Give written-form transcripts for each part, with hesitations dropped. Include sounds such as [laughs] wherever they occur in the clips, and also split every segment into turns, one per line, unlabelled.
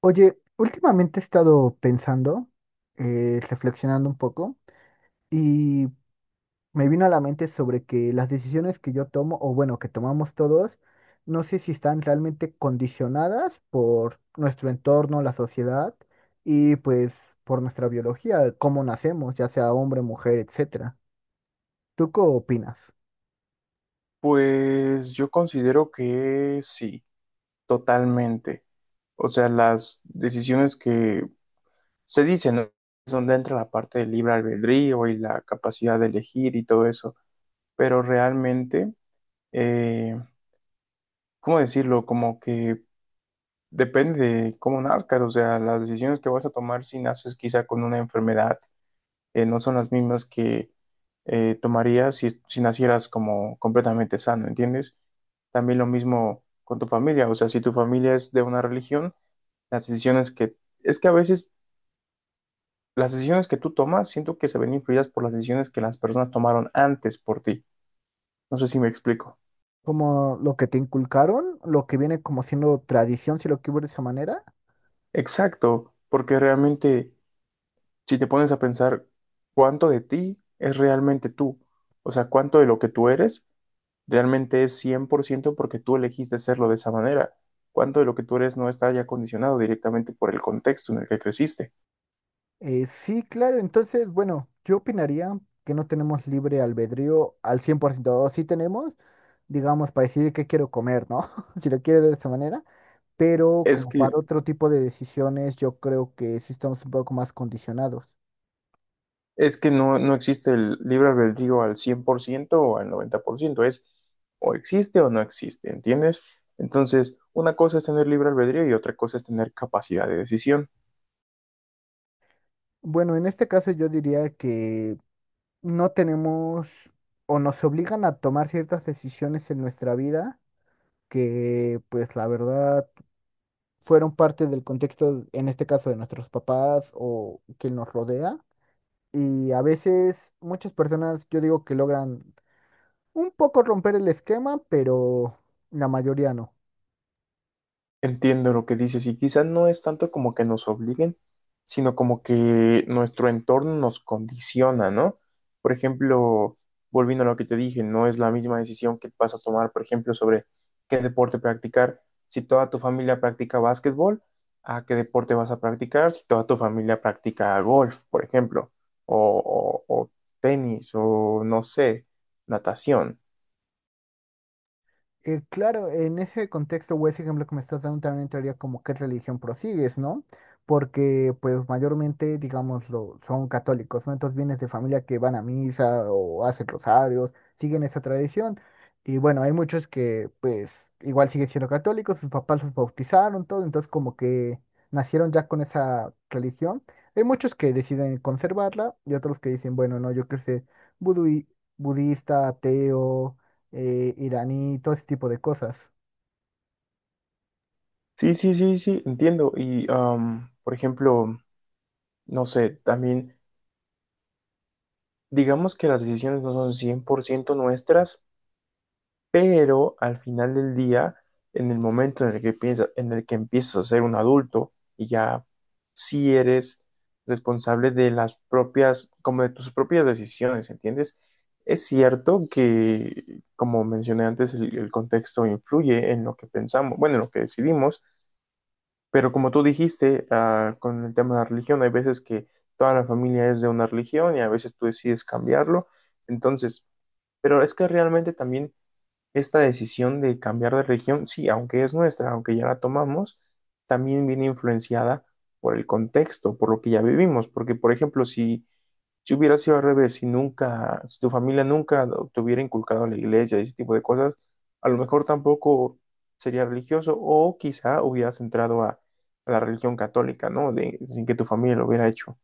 Oye, últimamente he estado pensando, reflexionando un poco, y me vino a la mente sobre que las decisiones que yo tomo, o bueno, que tomamos todos, no sé si están realmente condicionadas por nuestro entorno, la sociedad, y pues por nuestra biología, cómo nacemos, ya sea hombre, mujer, etcétera. ¿Tú qué opinas?
Pues yo considero que sí, totalmente. O sea, las decisiones que se dicen, ¿no? Es donde entra la parte del libre albedrío y la capacidad de elegir y todo eso. Pero realmente, eh, ¿cómo decirlo? Como que depende de cómo nazcas. O sea, las decisiones que vas a tomar si naces quizá con una enfermedad no son las mismas que tomarías si nacieras como completamente sano, ¿entiendes? También lo mismo con tu familia, o sea, si tu familia es de una religión, las decisiones que, es que a veces las decisiones que tú tomas, siento que se ven influidas por las decisiones que las personas tomaron antes por ti. No sé si me explico.
¿Como lo que te inculcaron, lo que viene como siendo tradición, si lo que hubo de esa manera?
Exacto, porque realmente si te pones a pensar cuánto de ti es realmente tú, o sea, cuánto de lo que tú eres realmente es 100% porque tú elegiste hacerlo de esa manera. ¿Cuánto de lo que tú eres no está ya condicionado directamente por el contexto en el que creciste?
Sí, claro, entonces, bueno, yo opinaría que no tenemos libre albedrío al 100%, sí tenemos, digamos, para decidir qué quiero comer, ¿no? [laughs] Si lo quiero de esta manera, pero
Es
como
que,
para otro tipo de decisiones, yo creo que sí estamos un poco más condicionados.
es que no, no existe el libre albedrío al 100% o al 90%. Es, o existe o no existe, ¿entiendes? Entonces, una cosa es tener libre albedrío y otra cosa es tener capacidad de decisión.
Bueno, en este caso yo diría que no tenemos o nos obligan a tomar ciertas decisiones en nuestra vida que, pues, la verdad, fueron parte del contexto, en este caso, de nuestros papás o quien nos rodea. Y a veces muchas personas, yo digo que logran un poco romper el esquema, pero la mayoría no.
Entiendo lo que dices y quizás no es tanto como que nos obliguen, sino como que nuestro entorno nos condiciona, ¿no? Por ejemplo, volviendo a lo que te dije, no es la misma decisión que vas a tomar, por ejemplo, sobre qué deporte practicar. Si toda tu familia practica básquetbol, ¿a qué deporte vas a practicar? Si toda tu familia practica golf, por ejemplo, o tenis, o no sé, natación.
Claro, en ese contexto o ese ejemplo que me estás dando también entraría como qué religión prosigues, ¿no? Porque pues mayormente, digámoslo, son católicos, ¿no? Entonces vienes de familia que van a misa o hacen rosarios, siguen esa tradición. Y bueno, hay muchos que pues igual siguen siendo católicos, sus papás los bautizaron, todo, entonces como que nacieron ya con esa religión. Hay muchos que deciden conservarla y otros que dicen, bueno, no, yo quiero ser budui- budista, ateo iraní, todo ese tipo de cosas.
Sí, sí, sí, sí, entiendo. Y, por ejemplo, no sé, también digamos que las decisiones no son 100% nuestras, pero al final del día, en el momento en el que piensas, en el que empiezas a ser un adulto y ya sí eres responsable de las propias, como de tus propias decisiones, ¿entiendes? Es cierto que, como mencioné antes, el contexto influye en lo que pensamos, bueno, en lo que decidimos. Pero como tú dijiste, ah, con el tema de la religión, hay veces que toda la familia es de una religión y a veces tú decides cambiarlo. Entonces, pero es que realmente también esta decisión de cambiar de religión, sí, aunque es nuestra, aunque ya la tomamos, también viene influenciada por el contexto, por lo que ya vivimos, porque, por ejemplo, si, hubiera sido al revés, si nunca, si tu familia nunca te hubiera inculcado en la iglesia, ese tipo de cosas, a lo mejor tampoco sería religioso o quizá hubieras entrado a la religión católica, ¿no? Sin que tu familia lo hubiera hecho.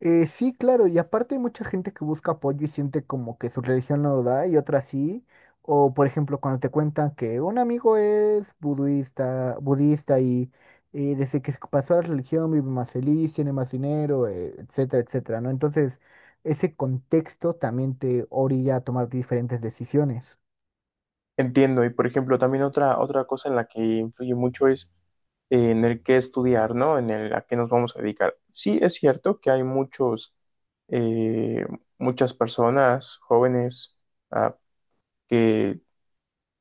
Sí, claro, y aparte hay mucha gente que busca apoyo y siente como que su religión no lo da y otra sí. O por ejemplo, cuando te cuentan que un amigo es budista y desde que se pasó a la religión vive más feliz, tiene más dinero, etcétera, etcétera, ¿no? Entonces, ese contexto también te orilla a tomar diferentes decisiones.
Entiendo, y por ejemplo, también otra cosa en la que influye mucho es en el qué estudiar, ¿no? En el a qué nos vamos a dedicar. Sí, es cierto que hay muchos, eh, muchas personas jóvenes ah, que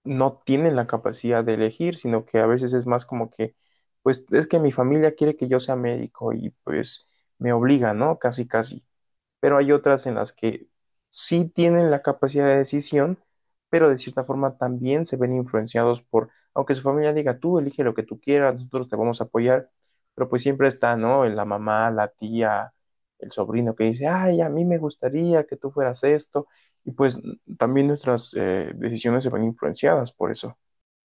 no tienen la capacidad de elegir, sino que a veces es más como que, pues es que mi familia quiere que yo sea médico y pues me obliga, ¿no? Casi, casi. Pero hay otras en las que sí tienen la capacidad de decisión, pero de cierta forma también se ven influenciados por, aunque su familia diga, tú elige lo que tú quieras, nosotros te vamos a apoyar, pero pues siempre está, ¿no? La mamá, la tía, el sobrino que dice, ay, a mí me gustaría que tú fueras esto, y pues también nuestras decisiones se ven influenciadas por eso.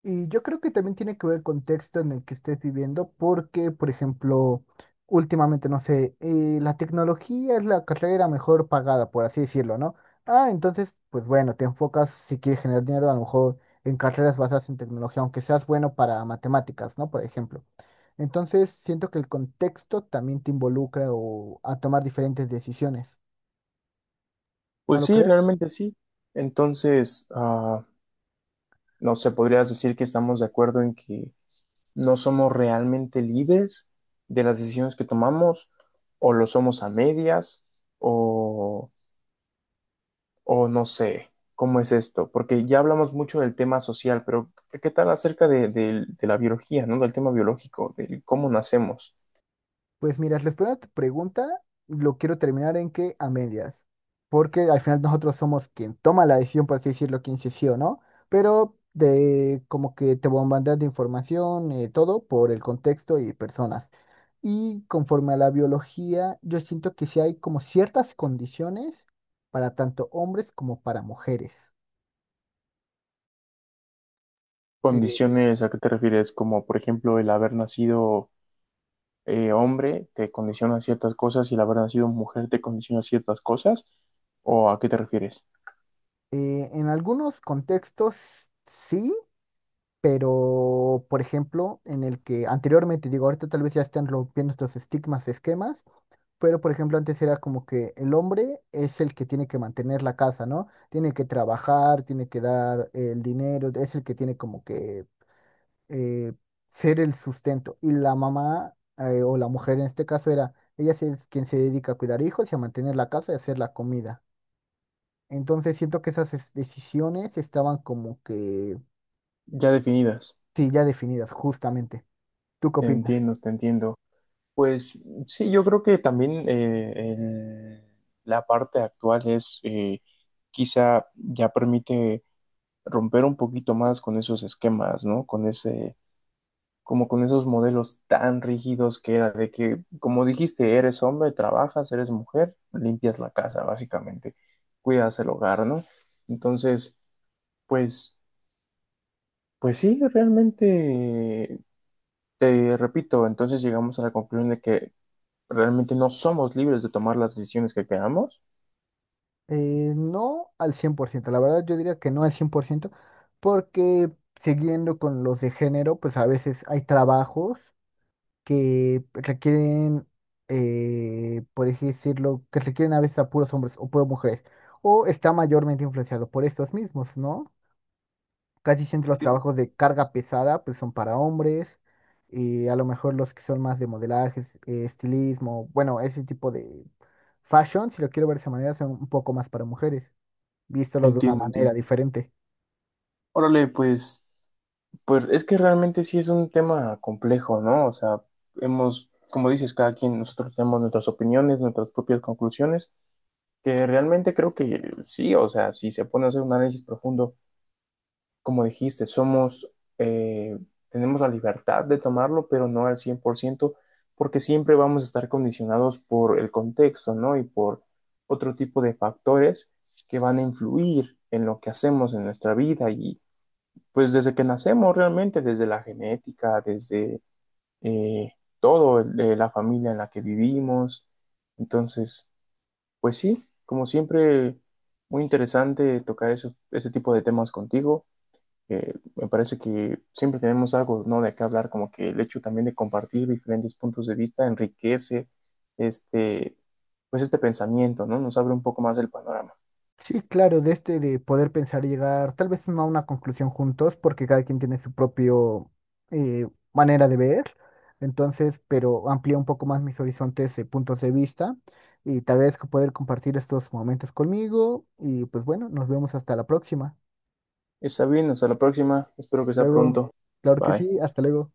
Y yo creo que también tiene que ver el contexto en el que estés viviendo, porque, por ejemplo, últimamente, no sé, la tecnología es la carrera mejor pagada, por así decirlo, ¿no? Ah, entonces, pues bueno, te enfocas, si quieres generar dinero, a lo mejor en carreras basadas en tecnología, aunque seas bueno para matemáticas, ¿no? Por ejemplo. Entonces, siento que el contexto también te involucra o a tomar diferentes decisiones, ¿no
Pues
lo
sí,
crees?
realmente sí. Entonces, no sé, podrías decir que estamos de acuerdo en que no somos realmente libres de las decisiones que tomamos, o lo somos a medias, o, o no sé, ¿cómo es esto? Porque ya hablamos mucho del tema social. Pero ¿qué tal acerca de la biología, no? Del tema biológico, de cómo nacemos.
Pues mira, respondiendo a tu pregunta, lo quiero terminar en que a medias, porque al final nosotros somos quien toma la decisión, por así decirlo, quien dice sí o no, pero de como que te bombardean de información, todo por el contexto y personas. Y conforme a la biología, yo siento que sí hay como ciertas condiciones para tanto hombres como para mujeres. Eh,
Condiciones, ¿a qué te refieres? Como por ejemplo el haber nacido hombre te condiciona ciertas cosas y el haber nacido mujer te condiciona ciertas cosas, ¿o a qué te refieres?
en algunos contextos sí, pero por ejemplo, en el que anteriormente, digo, ahorita tal vez ya están rompiendo estos estigmas, esquemas, pero por ejemplo, antes era como que el hombre es el que tiene que mantener la casa, ¿no? Tiene que trabajar, tiene que dar el dinero, es el que tiene como que eh, ser el sustento. Y la mamá, o la mujer en este caso era, ella sí es quien se dedica a cuidar hijos y a mantener la casa y a hacer la comida. Entonces siento que esas decisiones estaban como que,
Ya definidas.
sí, ya definidas, justamente. ¿Tú qué
Te
opinas?
entiendo, te entiendo. Pues sí, yo creo que también la parte actual es, quizá ya permite romper un poquito más con esos esquemas, ¿no? Con ese, como con esos modelos tan rígidos que era de que, como dijiste, eres hombre, trabajas, eres mujer, limpias la casa, básicamente, cuidas el hogar, ¿no? Entonces, pues, pues, sí, realmente, te repito, entonces llegamos a la conclusión de que realmente no somos libres de tomar las decisiones que queramos.
No al 100%. La verdad yo diría que no al 100%, porque siguiendo con los de género, pues a veces hay trabajos que requieren, por así decirlo, que requieren a veces a puros hombres o puras mujeres, o está mayormente influenciado por estos mismos, ¿no? Casi siempre los trabajos de carga pesada pues son para hombres y a lo mejor los que son más de modelaje, estilismo, bueno, ese tipo de fashion, si lo quiero ver de esa manera, son un poco más para mujeres, visto de una
Entiendo, entiendo.
manera
Entiendo.
diferente.
Órale, pues es que realmente sí es un tema complejo, ¿no? O sea, hemos, como dices, cada quien, nosotros tenemos nuestras opiniones, nuestras propias conclusiones, que realmente creo que sí, o sea, si se pone a hacer un análisis profundo como dijiste, eh, tenemos la libertad de tomarlo, pero no al 100%, porque siempre vamos a estar condicionados por el contexto, ¿no? Y por otro tipo de factores que van a influir en lo que hacemos en nuestra vida y pues desde que nacemos realmente, desde la genética, desde eh, la familia en la que vivimos. Entonces, pues sí, como siempre, muy interesante tocar esos, ese tipo de temas contigo. Me parece que siempre tenemos algo, ¿no? De qué hablar, como que el hecho también de compartir diferentes puntos de vista enriquece este, pues este pensamiento, ¿no? Nos abre un poco más el panorama.
Sí, claro, de este de poder pensar y llegar, tal vez no a una conclusión juntos, porque cada quien tiene su propio eh, manera de ver, entonces, pero amplía un poco más mis horizontes de puntos de vista y te agradezco poder compartir estos momentos conmigo y pues bueno, nos vemos hasta la próxima.
Está bien, hasta la próxima. Espero que sea
Luego,
pronto.
claro que
Bye.
sí, hasta luego.